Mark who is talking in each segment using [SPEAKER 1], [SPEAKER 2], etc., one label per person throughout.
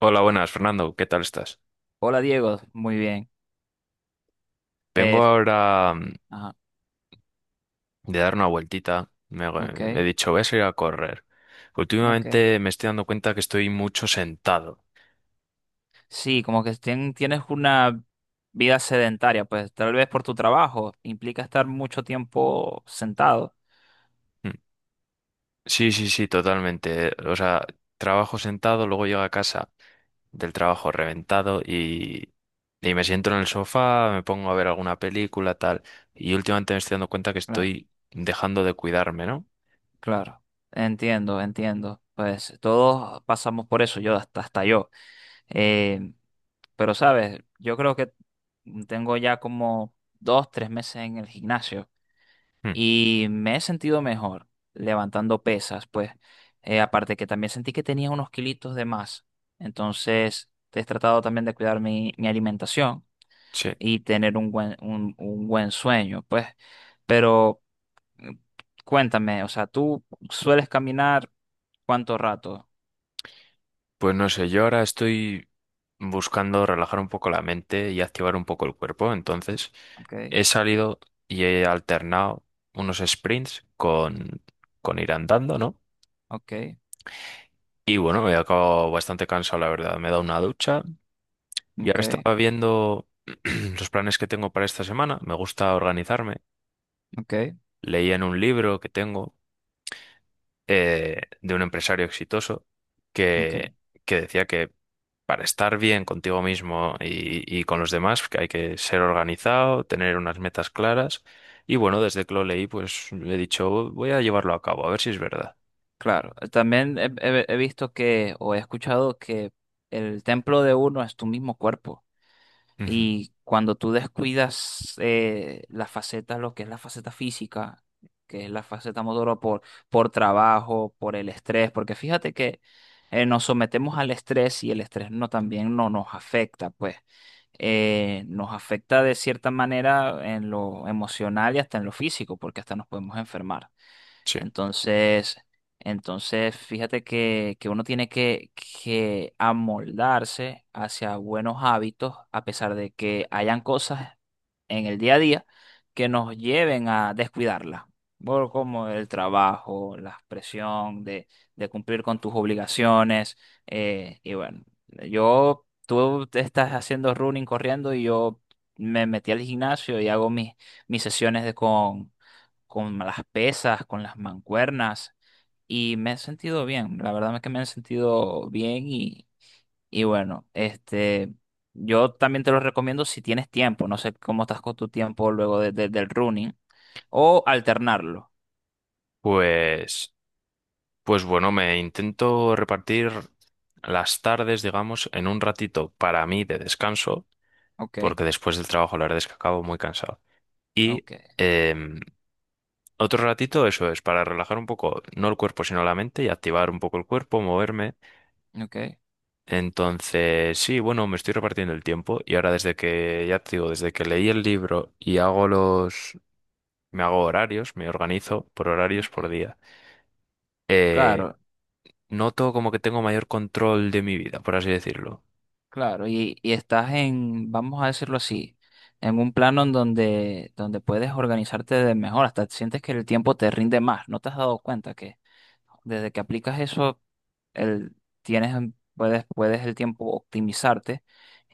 [SPEAKER 1] Hola, buenas, Fernando. ¿Qué tal estás?
[SPEAKER 2] Hola Diego, muy bien.
[SPEAKER 1] Vengo
[SPEAKER 2] Eh,
[SPEAKER 1] ahora
[SPEAKER 2] ajá,
[SPEAKER 1] de dar una vueltita.
[SPEAKER 2] ok,
[SPEAKER 1] He dicho, voy a salir a correr.
[SPEAKER 2] ok.
[SPEAKER 1] Últimamente me estoy dando cuenta que estoy mucho sentado.
[SPEAKER 2] Sí, como que tienes una vida sedentaria, pues tal vez por tu trabajo implica estar mucho tiempo sentado.
[SPEAKER 1] Mm. Sí, sí, sí, totalmente. O sea, trabajo sentado, luego llego a casa del trabajo reventado y me siento en el sofá, me pongo a ver alguna película, tal. Y últimamente me estoy dando cuenta que
[SPEAKER 2] Cla-
[SPEAKER 1] estoy dejando de cuidarme, ¿no?
[SPEAKER 2] Claro, entiendo, entiendo. Pues todos pasamos por eso, yo hasta yo. Eh, pero sabes, yo creo que tengo ya como 2, 3 meses en el gimnasio.
[SPEAKER 1] Mm.
[SPEAKER 2] Y me he sentido mejor levantando pesas, pues. Aparte que también sentí que tenía unos kilitos de más. Entonces, he tratado también de cuidar mi alimentación
[SPEAKER 1] Sí.
[SPEAKER 2] y tener un buen sueño, pues. Pero mm, cuéntame, o sea, ¿tú sueles caminar cuánto rato?
[SPEAKER 1] Pues no sé, yo ahora estoy buscando relajar un poco la mente y activar un poco el cuerpo. Entonces,
[SPEAKER 2] Ok,
[SPEAKER 1] he salido y he alternado unos sprints con ir andando, ¿no?
[SPEAKER 2] ok,
[SPEAKER 1] Y bueno, me he acabado bastante cansado, la verdad. Me he dado una ducha y ahora
[SPEAKER 2] ok,
[SPEAKER 1] estaba viendo los planes que tengo para esta semana. Me gusta organizarme.
[SPEAKER 2] ok,
[SPEAKER 1] Leía en un libro que tengo de un empresario exitoso que,
[SPEAKER 2] ok.
[SPEAKER 1] que decía que para estar bien contigo mismo y con los demás, que hay que ser organizado, tener unas metas claras. Y bueno, desde que lo leí, pues he dicho, voy a llevarlo a cabo, a ver si es verdad.
[SPEAKER 2] Claro, también he visto que, o he escuchado que el templo de uno es tu mismo cuerpo.
[SPEAKER 1] Ujú.
[SPEAKER 2] Y cuando tú descuidas la faceta, lo que es la faceta física, que es la faceta motora por, trabajo, por el estrés, porque fíjate que nos sometemos al estrés y el estrés no también no nos afecta, pues nos afecta de cierta manera en lo emocional y hasta en lo físico, porque hasta nos podemos enfermar.
[SPEAKER 1] Sí.
[SPEAKER 2] Entonces, fíjate que, uno tiene que, amoldarse hacia buenos hábitos, a pesar de que hayan cosas en el día a día que nos lleven a descuidarlas. Por como el trabajo, la presión de cumplir con tus obligaciones. Y bueno, yo, tú te estás haciendo running corriendo y yo me metí al gimnasio y hago mis sesiones de, con las pesas, con las mancuernas y me he sentido bien, la verdad es que me he sentido bien y bueno, yo también te lo recomiendo si tienes tiempo, no sé cómo estás con tu tiempo luego del running o alternarlo.
[SPEAKER 1] Pues, pues bueno, me intento repartir las tardes, digamos, en un ratito para mí de descanso,
[SPEAKER 2] Ok,
[SPEAKER 1] porque después del trabajo la verdad es que acabo muy cansado. Y
[SPEAKER 2] ok,
[SPEAKER 1] em, otro ratito, eso es, para relajar un poco, no el cuerpo, sino la mente y activar un poco el cuerpo, moverme.
[SPEAKER 2] ok,
[SPEAKER 1] Entonces, sí, bueno, me estoy repartiendo el tiempo y ahora desde que, ya te digo, desde que leí el libro y hago me hago horarios, me organizo por horarios
[SPEAKER 2] ok.
[SPEAKER 1] por día, eh,
[SPEAKER 2] Claro,
[SPEAKER 1] noto como que tengo mayor control de mi vida, por así decirlo.
[SPEAKER 2] claro, y estás en, vamos a decirlo así, en un plano en donde, puedes organizarte de mejor, hasta sientes que el tiempo te rinde más. ¿No te has dado cuenta que, desde que aplicas eso, el, tienes, un- puedes, puedes el tiempo optimizarte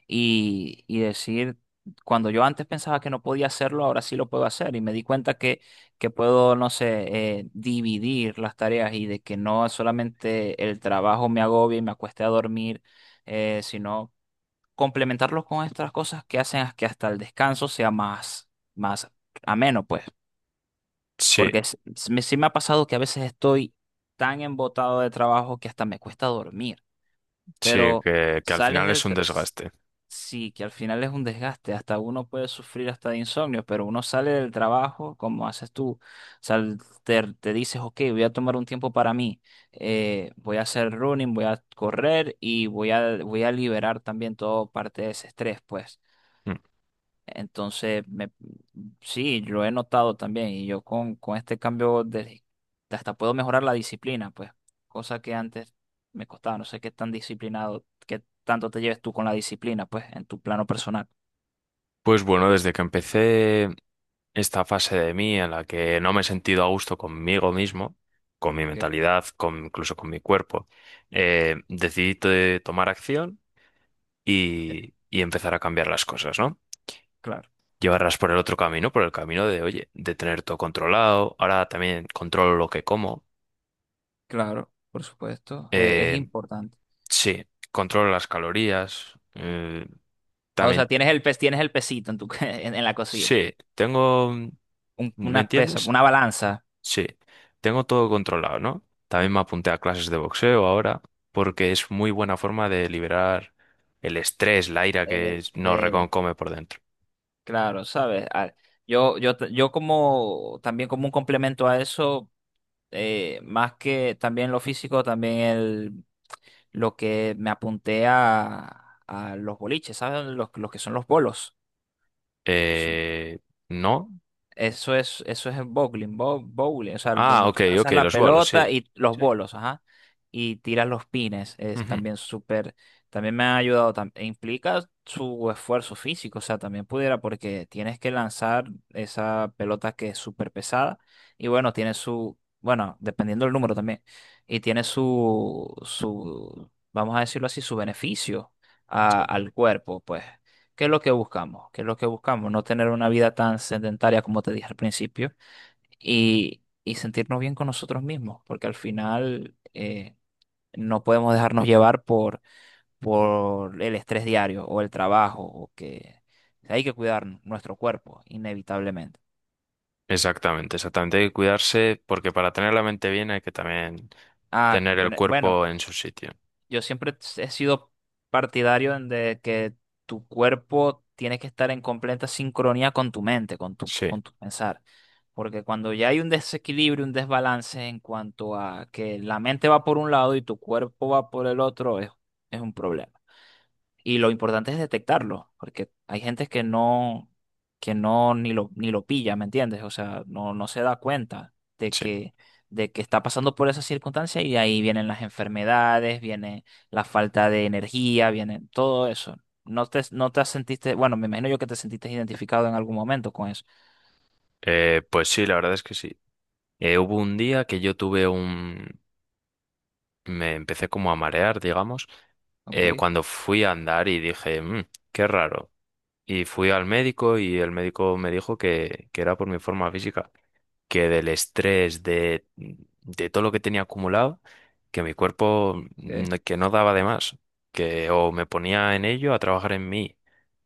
[SPEAKER 2] y decir, cuando yo antes pensaba que no podía hacerlo, ahora sí lo puedo hacer? Y me di cuenta que, puedo, no sé, dividir las tareas y de que no solamente el trabajo me agobie y me acueste a dormir, sino complementarlo con estas cosas que hacen que hasta el descanso sea más ameno, pues.
[SPEAKER 1] Sí,
[SPEAKER 2] Porque sí me ha pasado que a veces estoy tan embotado de trabajo que hasta me cuesta dormir.
[SPEAKER 1] sí,
[SPEAKER 2] Pero
[SPEAKER 1] que al
[SPEAKER 2] sales
[SPEAKER 1] final es
[SPEAKER 2] del...
[SPEAKER 1] un
[SPEAKER 2] tra- s-
[SPEAKER 1] desgaste.
[SPEAKER 2] Sí, que al final es un desgaste. Hasta uno puede sufrir hasta de insomnio, pero uno sale del trabajo, como haces tú. Sal- te dices, ok, voy a tomar un tiempo para mí. Voy a hacer running, voy a correr y voy a liberar también toda parte de ese estrés, pues.
[SPEAKER 1] Mm.
[SPEAKER 2] Entonces, sí, lo he notado también. Y yo con este cambio, hasta puedo mejorar la disciplina, pues, cosa que antes me costaba. No sé qué tan disciplinado, qué tanto te lleves tú con la disciplina, pues, en tu plano personal.
[SPEAKER 1] Pues bueno, desde que empecé esta fase de mí en la que no me he sentido a gusto conmigo mismo, con mi
[SPEAKER 2] Ok,
[SPEAKER 1] mentalidad, con, incluso con mi cuerpo, decidí to- tomar acción
[SPEAKER 2] ok.
[SPEAKER 1] y empezar a cambiar las cosas, ¿no?
[SPEAKER 2] Claro,
[SPEAKER 1] Llevarlas por el otro camino, por el camino de, oye, de tener todo controlado. Ahora también controlo lo que como.
[SPEAKER 2] claro, por supuesto. Es
[SPEAKER 1] Eh,
[SPEAKER 2] importante.
[SPEAKER 1] sí, controlo las calorías.
[SPEAKER 2] O sea,
[SPEAKER 1] También,
[SPEAKER 2] tienes el pesito en en la cocina.
[SPEAKER 1] sí, tengo, ¿me
[SPEAKER 2] Una pesa,
[SPEAKER 1] entiendes?
[SPEAKER 2] una balanza.
[SPEAKER 1] Sí, tengo todo controlado, ¿no? También me apunté a clases de boxeo ahora porque es muy buena forma de liberar el estrés, la ira
[SPEAKER 2] El,
[SPEAKER 1] que nos
[SPEAKER 2] este,
[SPEAKER 1] reconcome por dentro.
[SPEAKER 2] Claro, sabes. Yo como también como un complemento a eso. Más que también lo físico, también lo que me apunté a los boliches, ¿sabes? Los que son los bolos. Su-
[SPEAKER 1] Eh, ¿No?
[SPEAKER 2] eso es el bowling, bowling, o sea,
[SPEAKER 1] Ah,
[SPEAKER 2] donde
[SPEAKER 1] ok,
[SPEAKER 2] tú
[SPEAKER 1] ok,
[SPEAKER 2] lanzas la
[SPEAKER 1] los bolos, sí.
[SPEAKER 2] pelota y los
[SPEAKER 1] Sí.
[SPEAKER 2] bolos, ajá, y tiras los pines, es
[SPEAKER 1] Ujú.
[SPEAKER 2] también súper, también me ha ayudado, e implica su esfuerzo físico, o sea, también pudiera, porque tienes que lanzar esa pelota que es súper pesada, y bueno, tiene su, bueno, dependiendo del número también, y tiene vamos a decirlo así, su beneficio
[SPEAKER 1] Sí.
[SPEAKER 2] al cuerpo, pues. ¿Qué es lo que buscamos? ¿Qué es lo que buscamos? No tener una vida tan sedentaria como te dije al principio y sentirnos bien con nosotros mismos, porque al final no podemos dejarnos llevar por, el estrés diario o el trabajo, o que hay que cuidar nuestro cuerpo, inevitablemente.
[SPEAKER 1] Exactamente, exactamente. Hay que cuidarse porque para tener la mente bien hay que también
[SPEAKER 2] Ah,
[SPEAKER 1] tener el
[SPEAKER 2] bueno, bueno,
[SPEAKER 1] cuerpo en su sitio.
[SPEAKER 2] yo siempre he sido partidario en de que tu cuerpo tiene que estar en completa sincronía con tu mente, con tu,
[SPEAKER 1] Sí,
[SPEAKER 2] con tu pensar. Porque cuando ya hay un desequilibrio, un desbalance en cuanto a que la mente va por un lado y tu cuerpo va por el otro, es un problema. Y lo importante es detectarlo, porque hay gente que no, ni lo, pilla, ¿me entiendes? O sea, no, no se da cuenta de
[SPEAKER 1] sí.
[SPEAKER 2] que, está pasando por esa circunstancia, y de ahí vienen las enfermedades, viene la falta de energía, viene todo eso. No te sentiste, bueno, me imagino yo que te sentiste identificado en algún momento con eso.
[SPEAKER 1] Pues sí, la verdad es que sí. Hubo un día que yo tuve me empecé como a marear, digamos,
[SPEAKER 2] Ok,
[SPEAKER 1] cuando fui a andar y dije, "Mm, qué raro". Y fui al médico y el médico me dijo que era por mi forma física, que del estrés, de todo lo que tenía acumulado, que mi cuerpo, que no daba de más, que o me ponía en ello a trabajar en mí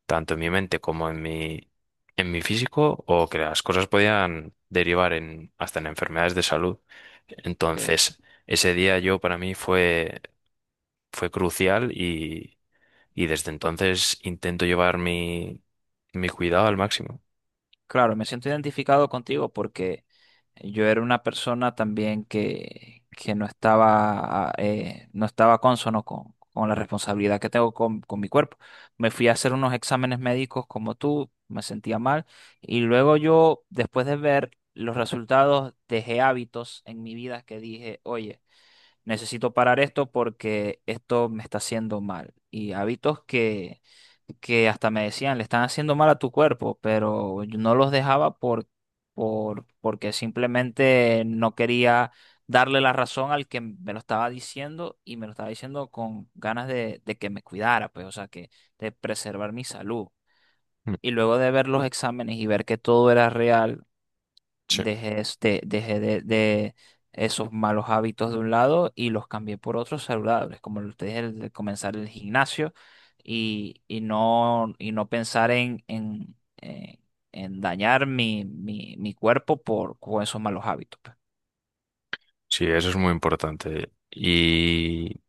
[SPEAKER 1] tanto en mi mente como en en mi físico, o que las cosas podían derivar en, hasta en enfermedades de salud.
[SPEAKER 2] ok,
[SPEAKER 1] Entonces, ese día yo para mí fue crucial y desde
[SPEAKER 2] ok.
[SPEAKER 1] entonces intento llevar mi cuidado al máximo.
[SPEAKER 2] Claro, me siento identificado contigo porque yo era una persona también que, no estaba, no estaba cónsono con la responsabilidad que tengo con mi cuerpo. Me fui a hacer unos exámenes médicos como tú, me sentía mal y luego yo, después de ver los resultados, dejé hábitos en mi vida que dije, oye, necesito parar esto porque esto me está haciendo mal. Y hábitos que, hasta me decían, le están haciendo mal a tu cuerpo, pero yo no los dejaba porque simplemente no quería darle la razón al que me lo estaba diciendo y me lo estaba diciendo con ganas de que me cuidara, pues, o sea, que de preservar mi salud.
[SPEAKER 1] Mm.
[SPEAKER 2] Y luego de ver los exámenes y ver que todo era real,
[SPEAKER 1] Sí,
[SPEAKER 2] dejé de esos malos hábitos de un lado y los cambié por otros saludables, como lo te dije, el de comenzar el gimnasio y no pensar en dañar mi cuerpo con esos malos hábitos.
[SPEAKER 1] sí, eso es muy importante.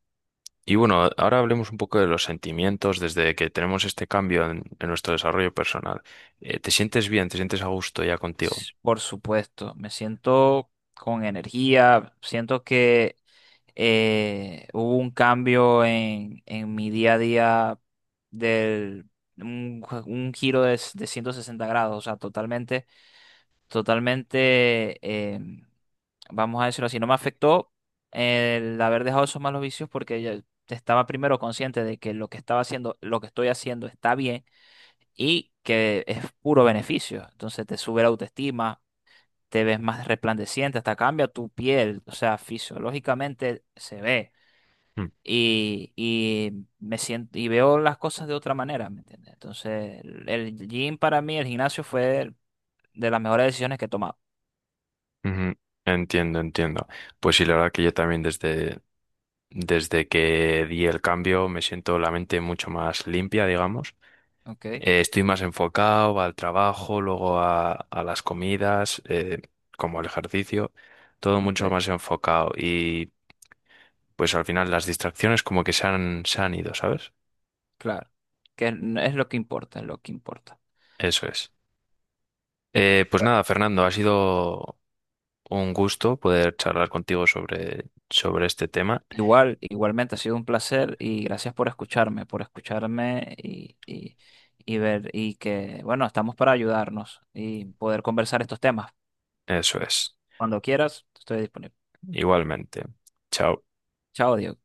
[SPEAKER 1] Y bueno, ahora hablemos un poco de los sentimientos desde que tenemos este cambio en nuestro desarrollo personal. ¿Te sientes bien? ¿Te sientes a gusto ya contigo?
[SPEAKER 2] Por supuesto, me siento con energía, siento que hubo un cambio en mi día a día del un giro de 160 grados, o sea, totalmente, totalmente, vamos a decirlo así, no me afectó el haber dejado esos malos vicios porque ya estaba primero consciente de que lo que estaba haciendo, lo que estoy haciendo está bien y que es puro beneficio. Entonces te sube la autoestima, te ves más resplandeciente, hasta cambia tu piel, o sea, fisiológicamente se ve. Y me siento y veo las cosas de otra manera, ¿me entiendes? Entonces, el gym para mí, el gimnasio fue de las mejores decisiones que he tomado.
[SPEAKER 1] Ujú. Entiendo, entiendo. Pues sí, la verdad que yo también desde, desde que di el cambio me siento la mente mucho más limpia, digamos.
[SPEAKER 2] Ok,
[SPEAKER 1] Estoy más enfocado al trabajo, luego a las comidas, como al ejercicio, todo
[SPEAKER 2] ok,
[SPEAKER 1] mucho más enfocado. Y pues al final las distracciones como que se han ido, ¿sabes?
[SPEAKER 2] claro. Que es lo que importa, es lo que importa.
[SPEAKER 1] Eso es. Pues
[SPEAKER 2] Bueno.
[SPEAKER 1] nada, Fernando, ha sido un gusto poder charlar contigo sobre, sobre este tema.
[SPEAKER 2] Igualmente ha sido un placer y gracias por escucharme y ver, bueno, estamos para ayudarnos y poder conversar estos temas.
[SPEAKER 1] Eso es.
[SPEAKER 2] Cuando quieras, estoy disponible.
[SPEAKER 1] Igualmente. Chao.
[SPEAKER 2] Chao, Diego.